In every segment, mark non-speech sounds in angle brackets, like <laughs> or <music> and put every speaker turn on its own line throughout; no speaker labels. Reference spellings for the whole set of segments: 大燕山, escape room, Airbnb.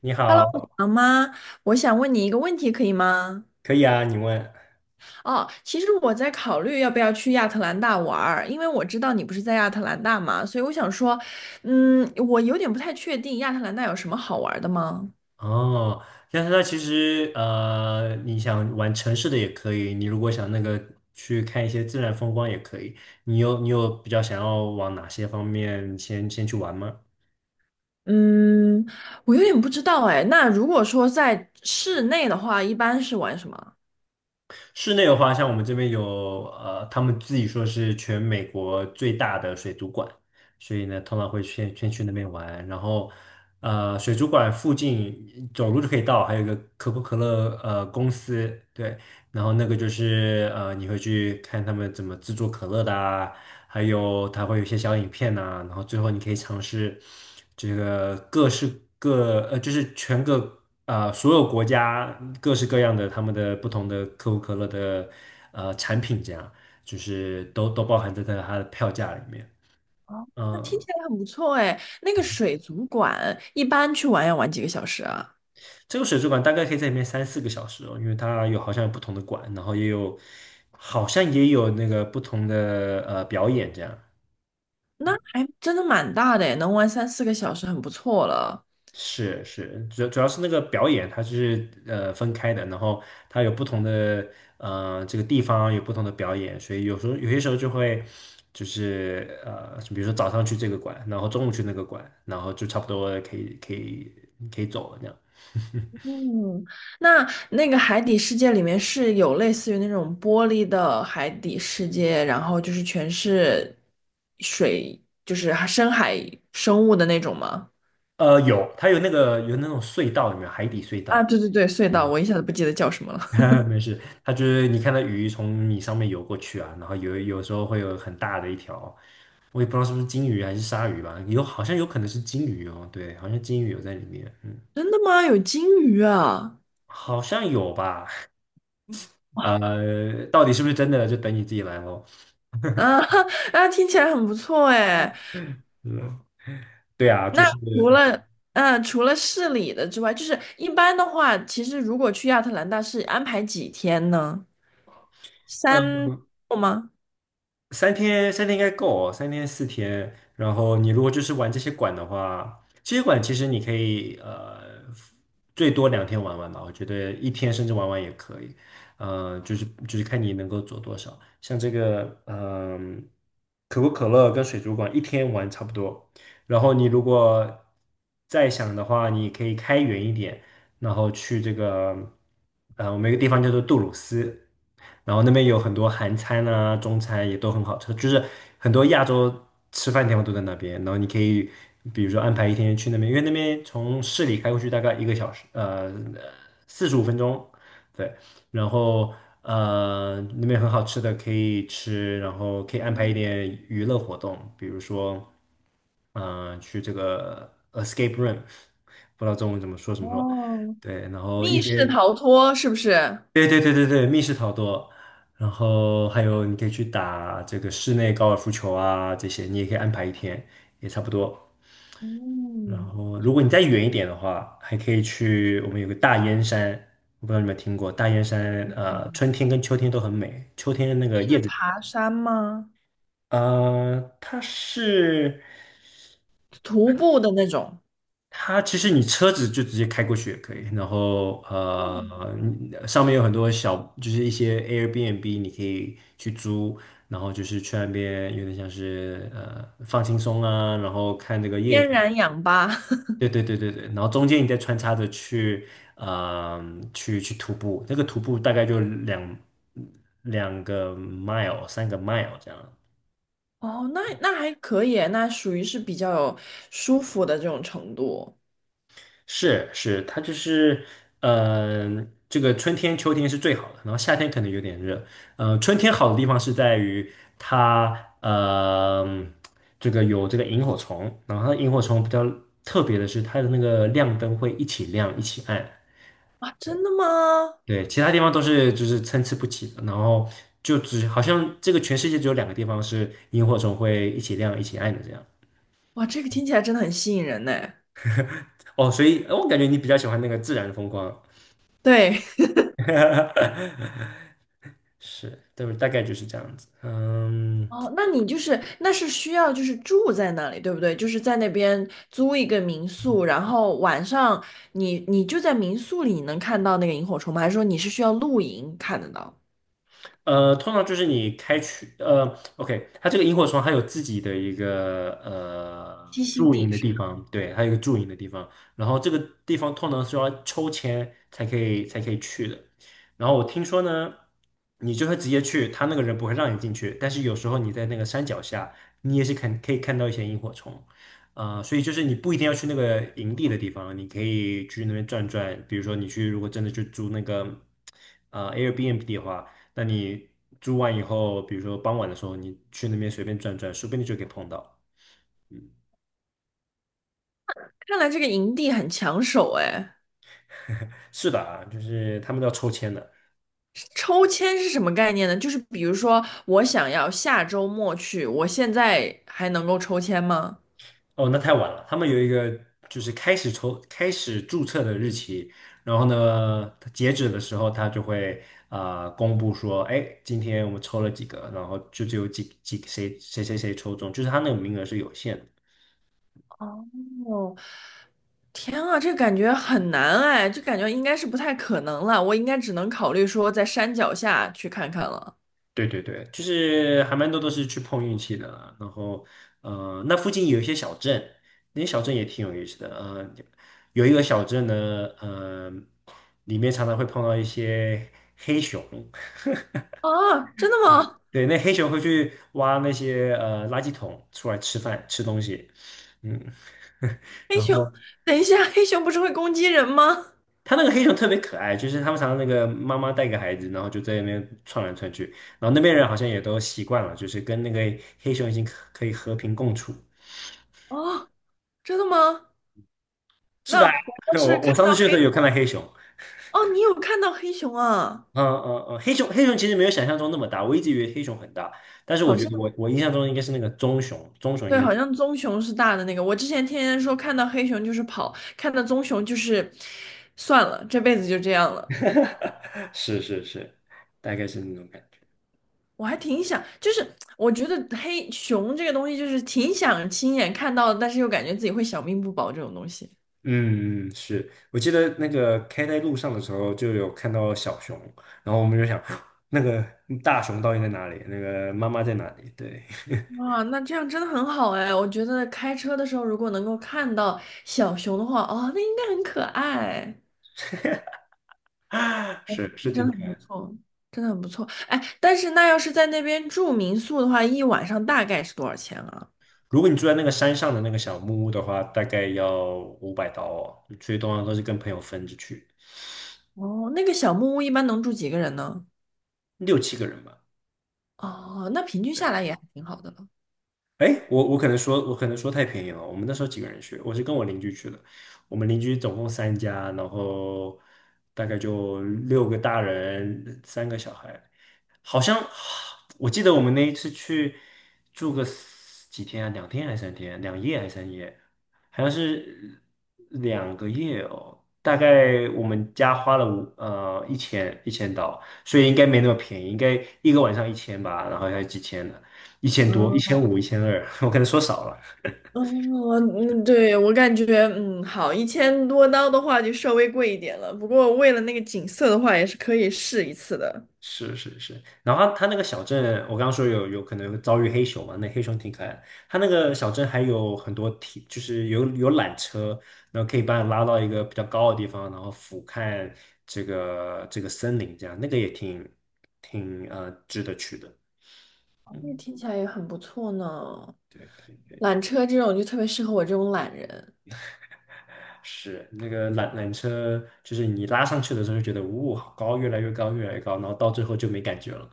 你
Hello，
好，
你好吗？我想问你一个问题，可以吗？
可以啊，你问。
哦，其实我在考虑要不要去亚特兰大玩儿，因为我知道你不是在亚特兰大嘛，所以我想说，我有点不太确定亚特兰大有什么好玩儿的吗？
哦，但是它其实你想玩城市的也可以，你如果想那个去看一些自然风光也可以。你有比较想要往哪些方面先去玩吗？
嗯，我有点不知道哎。那如果说在室内的话，一般是玩什么？
室内的话，像我们这边有他们自己说是全美国最大的水族馆，所以呢，通常会先去那边玩，然后水族馆附近走路就可以到，还有一个可口可乐公司，对，然后那个就是你会去看他们怎么制作可乐的啊，还有它会有一些小影片呐、然后最后你可以尝试这个各式各呃，就是全个。呃，所有国家各式各样的他们的不同的可口可乐的产品，这样就是都包含在它的票价里面。
哦，那听
嗯，
起来很不错哎。那个水族馆一般去玩要玩几个小时啊？
这个水族馆大概可以在里面三四个小时哦，因为它有好像有不同的馆，然后也有好像也有那个不同的表演这样。
那还真的蛮大的哎，能玩三四个小时很不错了。
是是，主要是那个表演它是分开的，然后它有不同的这个地方有不同的表演，所以有些时候就会就是比如说早上去这个馆，然后中午去那个馆，然后就差不多可以走了那样。
嗯，那那个海底世界里面是有类似于那种玻璃的海底世界，然后就是全是水，就是深海生物的那种吗？
有它有那个有那种隧道，里面海底隧
啊，
道？
对对对，隧道，我一下子不记得叫什么了。<laughs>
<laughs> 没事，它就是你看到鱼从你上面游过去啊，然后有时候会有很大的一条，我也不知道是不是金鱼还是鲨鱼吧，有好像有可能是金鱼哦，对，好像金鱼有在里面，嗯，
真的吗？有金鱼啊？
好像有吧，到底是不是真的就等你自己来咯。
啊 <laughs> 啊，听起来很不错哎。
嗯，对啊，就
那
是，
除了除了市里的之外，就是一般的话，其实如果去亚特兰大是安排几天呢？
嗯。
3周吗？
三天应该够哦，三天四天。然后你如果就是玩这些馆的话，这些馆其实你可以最多2天玩玩吧，我觉得一天甚至玩玩也可以。就是看你能够做多少。像这个嗯、可口可乐跟水族馆一天玩差不多。然后你如果再想的话，你可以开远一点，然后去这个我们有一个地方叫做杜鲁斯。然后那边有很多韩餐啊、中餐也都很好吃，就是很多亚洲吃饭地方都在那边。然后你可以比如说安排一天去那边，因为那边从市里开过去大概1个小时，45分钟，对。然后那边很好吃的可以吃，然后可以安排一点娱乐活动，比如说嗯、去这个 escape room，不知道中文怎么说什么说，
哦，
对，然后一
密室
些。
逃脱是不是？
对对对对对，密室逃脱，然后还有你可以去打这个室内高尔夫球啊，这些你也可以安排一天，也差不多。然
嗯，
后如果你再远一点的话，还可以去我们有个大燕山，我不知道你们听过大燕山，
嗯，
春天跟秋天都很美。
是爬山吗？
呃，它是。
徒步的那种，
它其实你车子就直接开过去也可以，然后
嗯，
你上面有很多小，就是一些 Airbnb 你可以去租，然后就是去那边有点像是放轻松啊，然后看这个叶子，
天然氧吧。<laughs>
对对对对对，然后中间你再穿插着去呃去徒步，那个徒步大概就两个 mile 3 mile 这样，
哦，那还可以，那属于是比较有舒服的这种程度。
是是，它就是，嗯，这个春天、秋天是最好的，然后夏天可能有点热。嗯，春天好的地方是在于它，嗯，这个有这个萤火虫，然后它萤火虫比较特别的是它的那个亮灯会一起亮一起暗，
哇，真的吗？
对，其他地方都是就是参差不齐的，然后就只好像这个全世界只有2个地方是萤火虫会一起亮一起暗的这样。
哇，这个听起来真的很吸引人呢。
哦，所以我感觉你比较喜欢那个自然风光。
对，
<laughs> 是，对，大概就是这样子。嗯，
<laughs> 哦，那你就是那是需要就是住在那里，对不对？就是在那边租一个民宿，然后晚上你就在民宿里能看到那个萤火虫吗？还是说你是需要露营看得到？
通常就是你开去，OK，它这个萤火虫还有自己的一个
栖息
驻营
地
的
是吧，
地方，对，还有一个驻营的地方，然后这个地方通常是要抽签才可以去的。然后我听说呢，你就会直接去，他那个人不会让你进去，但是有时候你在那个山脚下，你也是看可以看到一些萤火虫，所以就是你不一定要去那个营地的地方，你可以去那边转转，比如说你去如果真的去租那个Airbnb 的话。那你住完以后，比如说傍晚的时候，你去那边随便转转，说不定就可以碰到。
看来这个营地很抢手哎。
是的啊，就是他们都要抽签的。
抽签是什么概念呢？就是比如说，我想要下周末去，我现在还能够抽签吗？
哦，那太晚了，他们有一个就是开始抽、开始注册的日期，然后呢，它截止的时候，他就会啊公布说，哎，今天我们抽了几个，然后就只有几几谁谁谁谁抽中，就是他那个名额是有限的。
哦，天啊，这感觉很难哎，就感觉应该是不太可能了。我应该只能考虑说在山脚下去看看了。
对对对，就是还蛮多都是去碰运气的啦。然后，那附近有一些小镇，那些小镇也挺有意思的。有一个小镇呢，呃，里面常常会碰到一些，
啊，真的
<laughs>
吗？
对，那黑熊会去挖那些垃圾桶出来吃饭吃东西，嗯，<laughs>
黑
然后
熊，等一下，黑熊不是会攻击人吗？
它那个黑熊特别可爱，就是他们常常那个妈妈带个孩子，然后就在那边窜来窜去，然后那边人好像也都习惯了，就是跟那个黑熊已经可以和平共处。
哦，真的吗？
是
那
吧？
我
<laughs>
要是
我
看
我上次
到
去
黑，
的时候有看到黑熊，
哦，你有看到黑熊啊？
嗯嗯嗯，黑熊其实没有想象中那么大，我一直以为黑熊很大，但是我
好
觉
像。
得我印象中应该是那个棕熊，棕熊应
对，
该
好像棕熊是大的那个。我之前天天说看到黑熊就是跑，看到棕熊就是算了，这辈子就这样了。
<laughs> 是是是，大概是那种感觉。嗯
我还挺想，就是我觉得黑熊这个东西，就是挺想亲眼看到的但是又感觉自己会小命不保这种东西。
嗯，是我记得那个开在路上的时候就有看到小熊，然后我们就想 <gasps> 那个大熊到底在哪里？那个妈妈在哪里？对，
哇，那这样真的很好哎！我觉得开车的时候如果能够看到小熊的话，哦，那应该很可爱，
<laughs> 是是
真
挺
的很
可爱
不
的。
错，真的很不错。哎，但是那要是在那边住民宿的话，一晚上大概是多少钱啊？
如果你住在那个山上的那个小木屋的话，大概要500刀哦，所以通常都是跟朋友分着去。
哦，那个小木屋一般能住几个人呢？
6、7个人吧。
哦，那平均下
对，
来也还挺好的了。
哎，我可能说太便宜了。我们那时候几个人去，我是跟我邻居去的。我们邻居总共3家，然后大概就6个大人，3个小孩。好像我记得我们那一次去住个四几天啊，2天还是3天，2夜还是3夜，好像是2个月哦。大概我们家花了一千刀，所以应该没那么便宜，应该一个晚上一千吧，然后还有几千呢，1000多、一千
嗯
五、1200，<laughs> 我可能说少了。
哦，嗯嗯，对，我感觉，好，一千多刀的话就稍微贵一点了，不过为了那个景色的话，也是可以试一次的。
是是是，然后他那个小镇，我刚刚说有可能遭遇黑熊嘛，那黑熊挺可爱的。它那个小镇还有很多铁，就是有缆车，然后可以把你拉到一个比较高的地方，然后俯瞰这个森林，这样那个也挺值得去的。
那听起来也很不错呢。
对对，
缆车这种就特别适合我这种懒人。
是那个缆车，就是你拉上去的时候就觉得，呜、好高，越来越高，越来越高，然后到最后就没感觉了。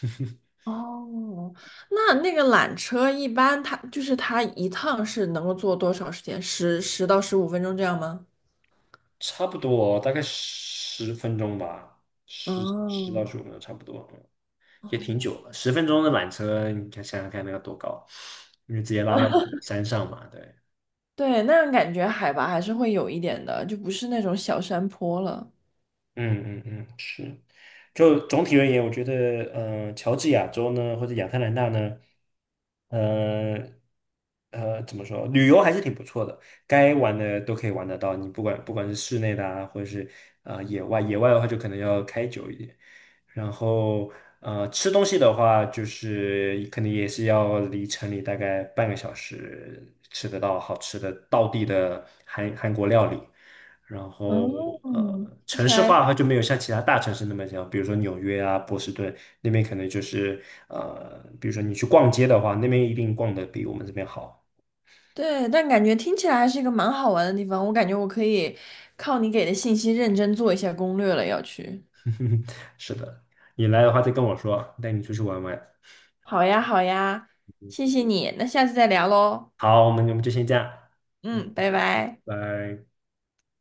<laughs>
哦，那个缆车一般它一趟是能够坐多少时间？十到十五分钟这样吗？
差不多大概10分钟吧，十十到
哦，
十五分钟差不多，嗯也
哦
挺久了。十分钟的缆车，你看想想看那要多高，因为直接拉到山上嘛，对。
对，那样感觉海拔还是会有一点的，就不是那种小山坡了。
嗯嗯嗯，是。就总体而言，我觉得，乔治亚州呢，或者亚特兰大呢，呃怎么说，旅游还是挺不错的，该玩的都可以玩得到。你不管是室内的啊，或者是野外，野外的话就可能要开久一点。然后吃东西的话，就是可能也是要离城里大概半个小时吃得到好吃的道地的韩国料理。然后
嗯，听
城
起
市化
来
的话就没有像其他大城市那么强，比如说纽约啊、波士顿那边可能就是比如说你去逛街的话，那边一定逛的比我们这边好。
对，但感觉听起来还是一个蛮好玩的地方。我感觉我可以靠你给的信息认真做一下攻略了，要去。
<laughs> 是的，你来的话再跟我说，带你出去玩玩。
好呀，好呀，谢谢你，那下次再聊喽。
好，我们就先这样，嗯，
嗯，拜拜。
拜。